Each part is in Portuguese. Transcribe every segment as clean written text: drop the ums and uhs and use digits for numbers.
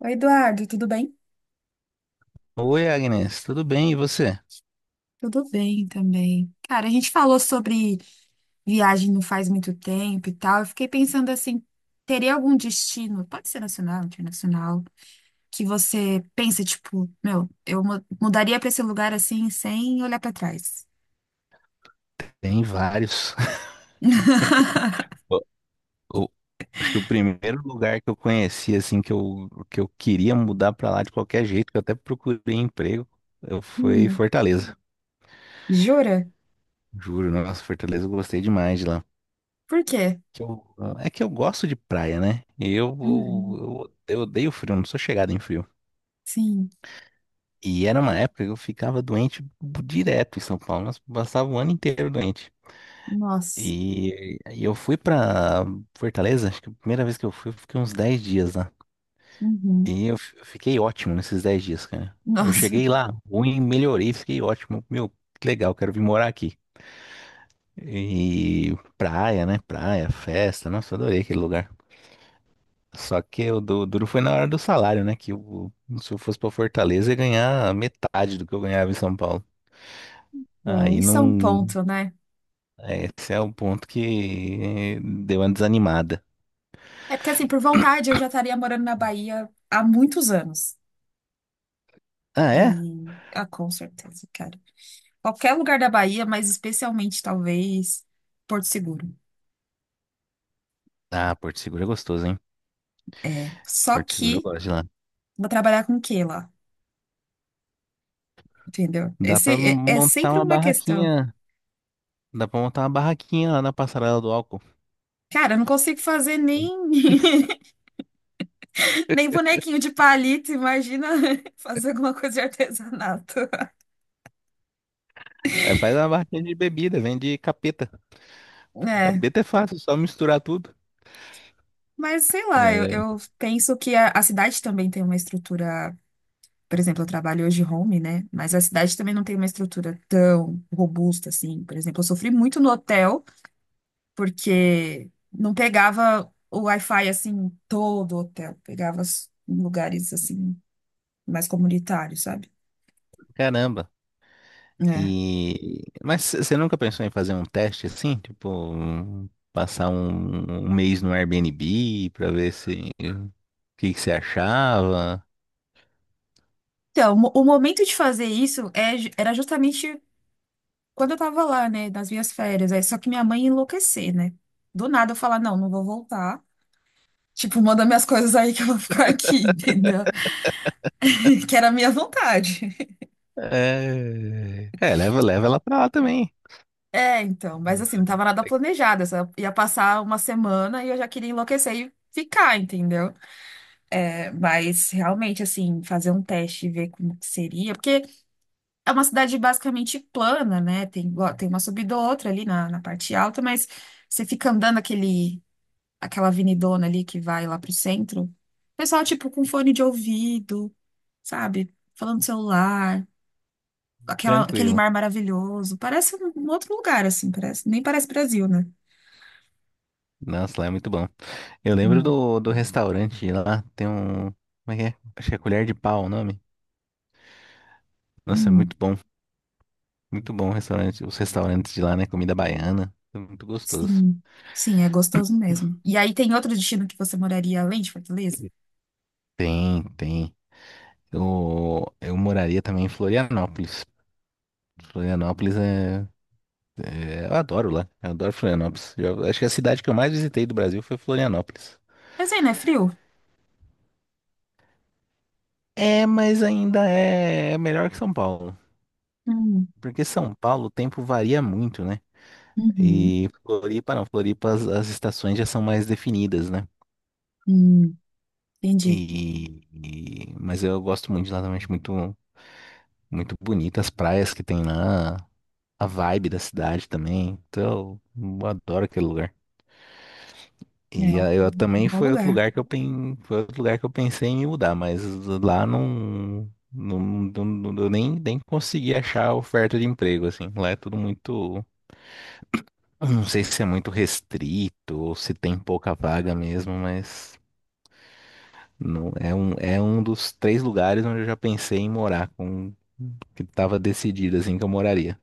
Oi, Eduardo, tudo bem? Oi, Agnes, tudo bem? E você? Tudo bem também. Cara, a gente falou sobre viagem não faz muito tempo e tal. Eu fiquei pensando assim, teria algum destino, pode ser nacional, internacional, que você pensa, tipo, meu, eu mudaria pra esse lugar assim, sem olhar pra trás. Tem vários. O- o- acho que o primeiro lugar que eu conheci, assim, que eu queria mudar pra lá de qualquer jeito, que eu até procurei emprego, eu foi Hum, Fortaleza. jura? Juro, nossa, Fortaleza eu gostei demais de lá. Por quê? Que eu- é que eu gosto de praia, né? E Eu, Uhum, eu, eu odeio frio, não sou chegado em frio. sim, E era uma época que eu ficava doente direto em São Paulo, mas passava o ano inteiro doente. nossa. E eu fui pra Fortaleza, acho que a primeira vez que eu fui, eu fiquei uns 10 dias lá. Uhum. E eu fiquei ótimo nesses 10 dias, cara. Eu Nossa. cheguei lá, ruim, melhorei, fiquei ótimo. Meu, que legal, quero vir morar aqui. E praia, né? Praia, festa, nossa, eu adorei aquele lugar. Só que o duro foi na hora do salário, né? Se eu fosse pra Fortaleza, eu ia ganhar metade do que eu ganhava em São Paulo. Então, Aí isso é um não. ponto, né? É, esse é o ponto que deu uma desanimada. É porque, assim, por vontade, eu já estaria morando na Bahia há muitos anos. Ah, é? E, ah, com certeza, cara. Qualquer lugar da Bahia, mas especialmente, talvez, Porto Seguro. Ah, Porto Seguro é gostoso, hein? É. Só Porto Seguro eu que gosto de lá. vou trabalhar com o quê lá? Entendeu? Dá Esse pra é montar sempre uma uma questão. barraquinha. Dá pra montar uma barraquinha lá na passarela do álcool. Cara, eu não consigo fazer nem, nem bonequinho de palito, imagina fazer alguma coisa de artesanato. É, faz uma barraquinha de bebida, vende capeta. É, Capeta é fácil, só misturar tudo. mas sei lá, eu, É, eu penso que a cidade também tem uma estrutura. Por exemplo, eu trabalho hoje home, né? Mas a cidade também não tem uma estrutura tão robusta assim. Por exemplo, eu sofri muito no hotel, porque não pegava o Wi-Fi assim, todo o hotel. Pegava em lugares assim, mais comunitários, sabe? caramba. É. E... Mas você nunca pensou em fazer um teste assim? Tipo, passar um mês no Airbnb pra ver se o que que você achava? Então, o momento de fazer isso era justamente quando eu tava lá, né? Nas minhas férias. Aí, só que minha mãe ia enlouquecer, né? Do nada eu falar, não, não vou voltar. Tipo, manda minhas coisas aí que eu vou ficar aqui, entendeu? Que era a minha vontade. É, é leva, leva ela pra lá também. É, então, mas assim, não tava nada É planejado. Eu só ia passar uma semana e eu já queria enlouquecer e ficar, entendeu? É, mas realmente, assim, fazer um teste e ver como que seria. Porque é uma cidade basicamente plana, né? Tem, tem uma subida ou outra ali na parte alta, mas você fica andando aquele, aquela avenidona ali que vai lá pro centro. O pessoal, tipo, com fone de ouvido, sabe? Falando no celular. Aquela, aquele tranquilo. mar maravilhoso. Parece um outro lugar, assim, parece, nem parece Brasil, né? Nossa, lá é muito bom. Eu lembro Hum. do restaurante lá, tem um. Como é que é? Acho que é Colher de Pau o nome. Nossa, é Hum, muito bom. Muito bom o restaurante, os restaurantes de lá, né? Comida baiana. É muito gostoso. sim, sim, é gostoso mesmo. E aí tem outro destino que você moraria além de Fortaleza? Tem, tem. Eu moraria também em Florianópolis. Florianópolis. Eu adoro lá. Eu adoro Florianópolis. Eu acho que a cidade que eu mais visitei do Brasil foi Florianópolis. Mas aí não é frio? É, mas ainda é melhor que São Paulo. Hum, Porque São Paulo o tempo varia muito, né? uhum, E Floripa não, Floripa as estações já são mais definidas, né? hum, entendi. Mas eu gosto muito de lá também, acho muito, muito bonita as praias que tem lá, a vibe da cidade também. Então, eu adoro aquele lugar. É E um, a- eu um também bom lugar. Foi outro lugar que eu pensei em me mudar, mas lá não, não, eu nem consegui achar oferta de emprego assim. Lá é tudo muito, eu não sei se é muito restrito ou se tem pouca vaga mesmo, mas não, é um dos três lugares onde eu já pensei em morar, com que tava decidido assim que eu moraria.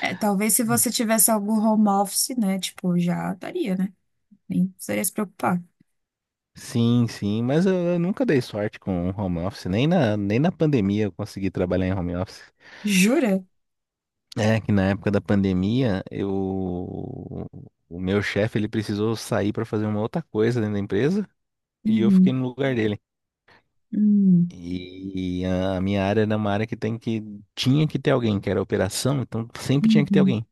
É, talvez se você tivesse algum home office, né? Tipo, já daria, né? Nem precisaria se preocupar. Sim, sim, mas eu nunca dei sorte com home office, nem na pandemia eu consegui trabalhar em home office. Jura? É que na época da pandemia, o meu chefe ele precisou sair para fazer uma outra coisa dentro da empresa e eu fiquei Uhum, no lugar dele. hum, E a minha área era uma área que tinha que ter alguém, que era operação, então sempre tinha que ter uhum, alguém.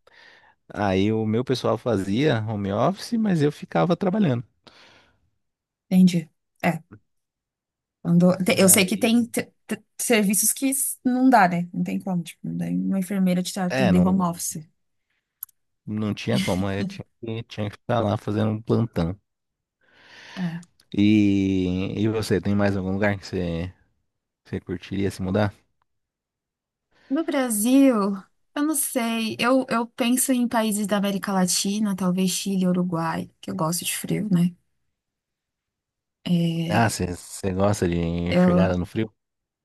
Aí o meu pessoal fazia home office, mas eu ficava trabalhando. entendi. É, eu sei que Aí, tem serviços que não dá, né? Não tem como, tipo, não dá uma enfermeira te é, atender não, home office. não tinha como, eu tinha que ficar lá fazendo um plantão. É. E você, tem mais algum lugar que você curtiria se mudar? No Brasil, eu não sei. Eu penso em países da América Latina, talvez Chile, Uruguai, que eu gosto de frio, né? É, Ah, você gosta de eu, chegada no frio?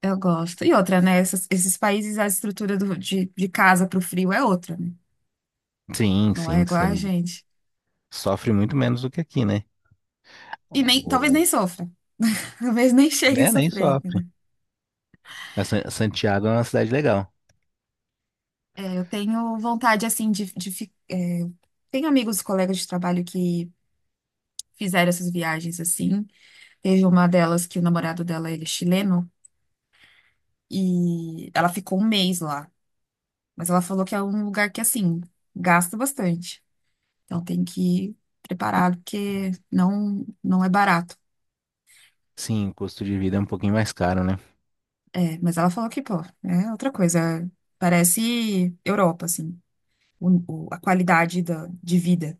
eu gosto. E outra, né? Esses países, a estrutura de casa para o frio é outra, né? Sim, Não é sim, igual você a gente. sofre muito menos do que aqui, né? E nem, talvez nem O, sofra. Talvez nem chegue a né, nem sofrer, entendeu? sofre. A Santiago é uma cidade legal. Eu tenho vontade, assim, Tenho amigos, colegas de trabalho que fizeram essas viagens, assim. Teve uma delas que o namorado dela, ele é chileno. E ela ficou um mês lá. Mas ela falou que é um lugar que, assim, gasta bastante. Então tem que ir preparado, porque não, não é barato. Sim, o custo de vida é um pouquinho mais caro, né? É, mas ela falou que, pô, é outra coisa. Parece Europa, assim, o, a qualidade da, de vida.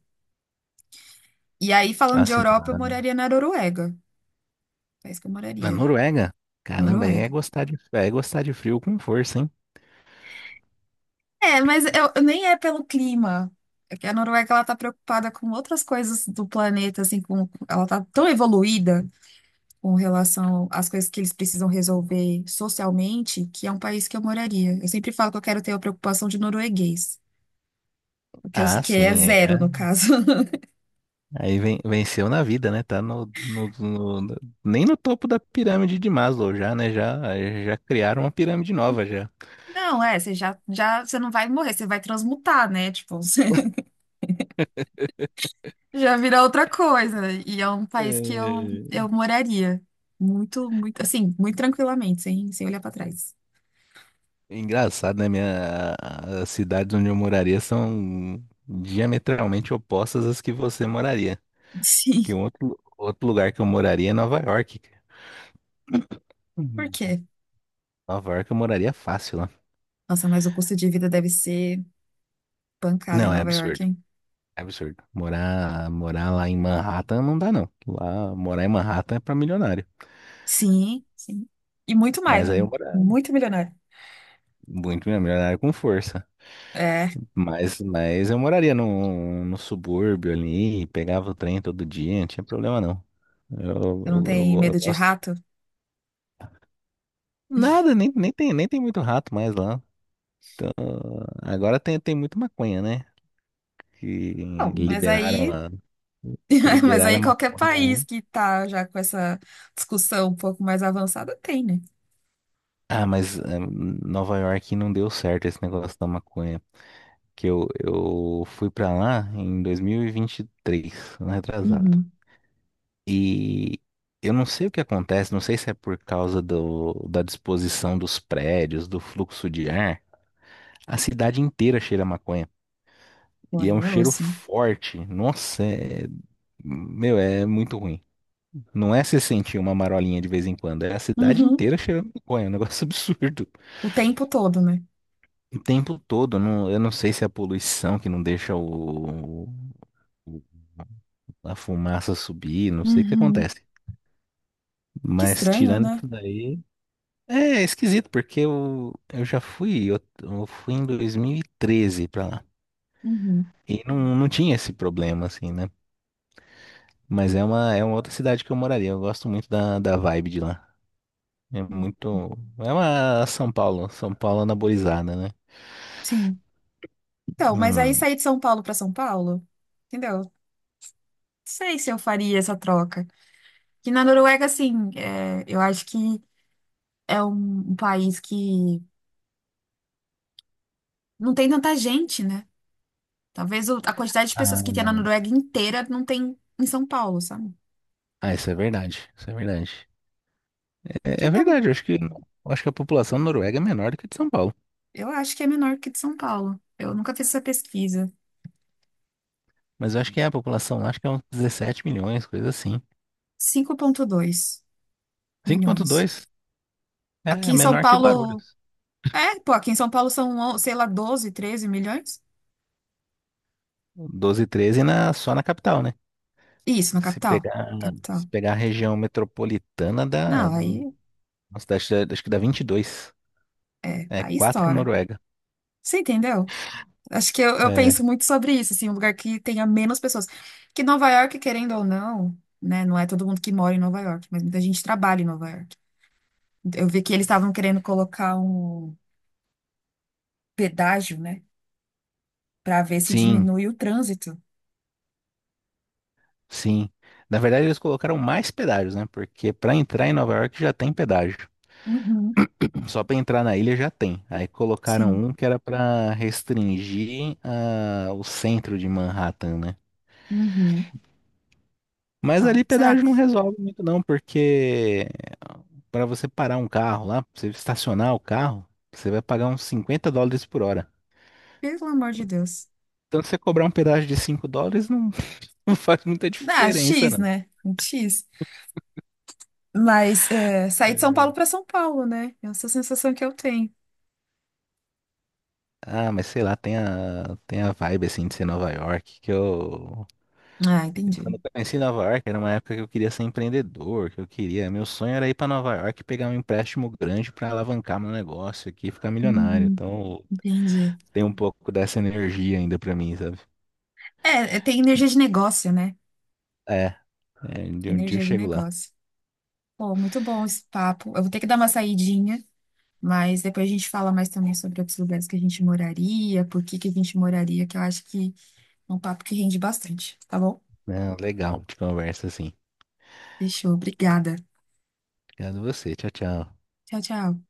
E aí, falando de Assim, Europa, eu moraria na Noruega. É isso que eu na moraria. Noruega? Caramba, aí é Noruega. gostar de, é gostar de frio com força, hein? É, mas eu nem é pelo clima. É que a Noruega, ela tá preocupada com outras coisas do planeta, assim, ela tá tão evoluída com relação às coisas que eles precisam resolver socialmente, que é um país que eu moraria. Eu sempre falo que eu quero ter a preocupação de norueguês, que, eu, Ah, que é sim, aí, zero é, no caso. aí venceu na vida, né? Tá nem no topo da pirâmide de Maslow já, né? Já, já criaram uma pirâmide nova já. Não, você não vai morrer, você vai transmutar, né? Tipo, você já vira outra coisa. E é um país que eu, É. eu moraria muito, muito, assim, muito tranquilamente, sem olhar pra trás. Engraçado, né? As cidades onde eu moraria são diametralmente opostas às que você moraria. Sim. Que um outro lugar que eu moraria é Nova York, cara. Por Uhum. quê? Nova York eu moraria fácil lá. Nossa, mas o custo de vida deve ser pancada em Não, é Nova York, absurdo. hein? É absurdo. Morar, morar lá em Manhattan não dá, não. Lá, morar em Manhattan é pra milionário. Sim, sim. E muito mais, Mas aí né? eu moraria Muito milionário. muito mesmo, milionário com força. É, Mas eu moraria no subúrbio ali, pegava o trem todo dia, não tinha problema não. Eu, eu não eu, eu tenho go- eu medo de gosto. rato? Nada, nem tem muito rato mais lá. Ah, agora tem muito maconha, né? Que Não, mas liberaram aí, a, mas liberaram a aí qualquer maconha lá. país que tá já com essa discussão um pouco mais avançada tem, né? Ah, mas Nova York não deu certo esse negócio da maconha. Que eu fui pra lá em 2023, ano retrasado. Uhum. E eu não sei o que acontece, não sei se é por causa do, da disposição dos prédios, do fluxo de ar, a cidade inteira cheira a maconha. Pô, E é aí um é cheiro osso, hein? forte. Nossa, meu, é muito ruim. Não é se sentir uma marolinha de vez em quando, é a cidade Uhum. inteira cheirando maconha, é um negócio absurdo. O tempo todo, né? O tempo todo, eu não sei se é a poluição que não deixa o, a fumaça subir, não sei o que Uhum. acontece. Que Mas estranho, tirando né? isso daí, é esquisito, porque eu fui em 2013 pra lá. Uhum. E não, não tinha esse problema, assim, né? Mas é uma outra cidade que eu moraria. Eu gosto muito da vibe de lá. É muito. É uma São Paulo, São Paulo anabolizada, né? Sim. Então, mas aí Hum. sair de São Paulo para São Paulo, entendeu? Não sei se eu faria essa troca. Que na Noruega, assim, eu acho que é um país que não tem tanta gente, né? Talvez a quantidade de pessoas que Ah, tem na Noruega inteira não tem em São Paulo, sabe? ah, isso é verdade. Isso é verdade. É, Que é tá, verdade, eu acho que a população da Noruega é menor do que a de São Paulo. eu acho que é menor que de São Paulo. Eu nunca fiz essa pesquisa. Mas eu acho que é a população lá, acho que é uns 17 milhões, coisa assim. 5,2 milhões. 5,2 Aqui é em São menor que Paulo. Guarulhos. É, pô, aqui em São Paulo são, sei lá, 12, 13 milhões? 12, 13 só na capital, né? Isso, na Se capital. pegar, Capital. se pegar a região metropolitana, da Não, aí, nossa, dá- acho acho que dá 22. É aí 4 estoura. Noruega. Você entendeu? Acho que eu É, penso muito sobre isso, assim, um lugar que tenha menos pessoas. Que Nova York, querendo ou não, né? Não é todo mundo que mora em Nova York, mas muita gente trabalha em Nova York. Eu vi que eles estavam querendo colocar um pedágio, né? Para ver se sim, diminui o trânsito. sim. Na verdade, eles colocaram mais pedágios, né? Porque para entrar em Nova York já tem pedágio. Uhum, Só para entrar na ilha já tem. Aí colocaram sim. um que era para restringir o centro de Manhattan, né? Uhum. Mas Então, ali será pedágio que, não resolve muito não, porque para você parar um carro lá, pra você estacionar o carro, você vai pagar uns US$ 50 por hora. pelo amor de Deus? Então você cobrar um pedágio de US$ 5 não, não faz muita Dá, diferença X, não. né? Um X. Mas é, sair de São Paulo para São Paulo, né? Essa é a sensação que eu tenho. Ah, mas sei lá, tem a vibe assim de ser Nova York, que Ah, eu Quando entendi. eu conheci Nova York, era uma época que eu queria ser empreendedor. Meu sonho era ir para Nova York e pegar um empréstimo grande para alavancar meu negócio aqui e ficar milionário. Uhum, Então entendi. tem um pouco dessa energia ainda para mim, sabe? É, tem energia de negócio, né? É. É, de um dia eu Energia de chego lá. negócio. Pô, muito bom esse papo. Eu vou ter que dar uma saidinha. Mas depois a gente fala mais também sobre outros lugares que a gente moraria, por que que a gente moraria, que eu acho que é um papo que rende bastante, tá bom? Não, legal de conversa assim. Fechou, obrigada. Obrigado a você. Tchau, tchau. Tchau, tchau.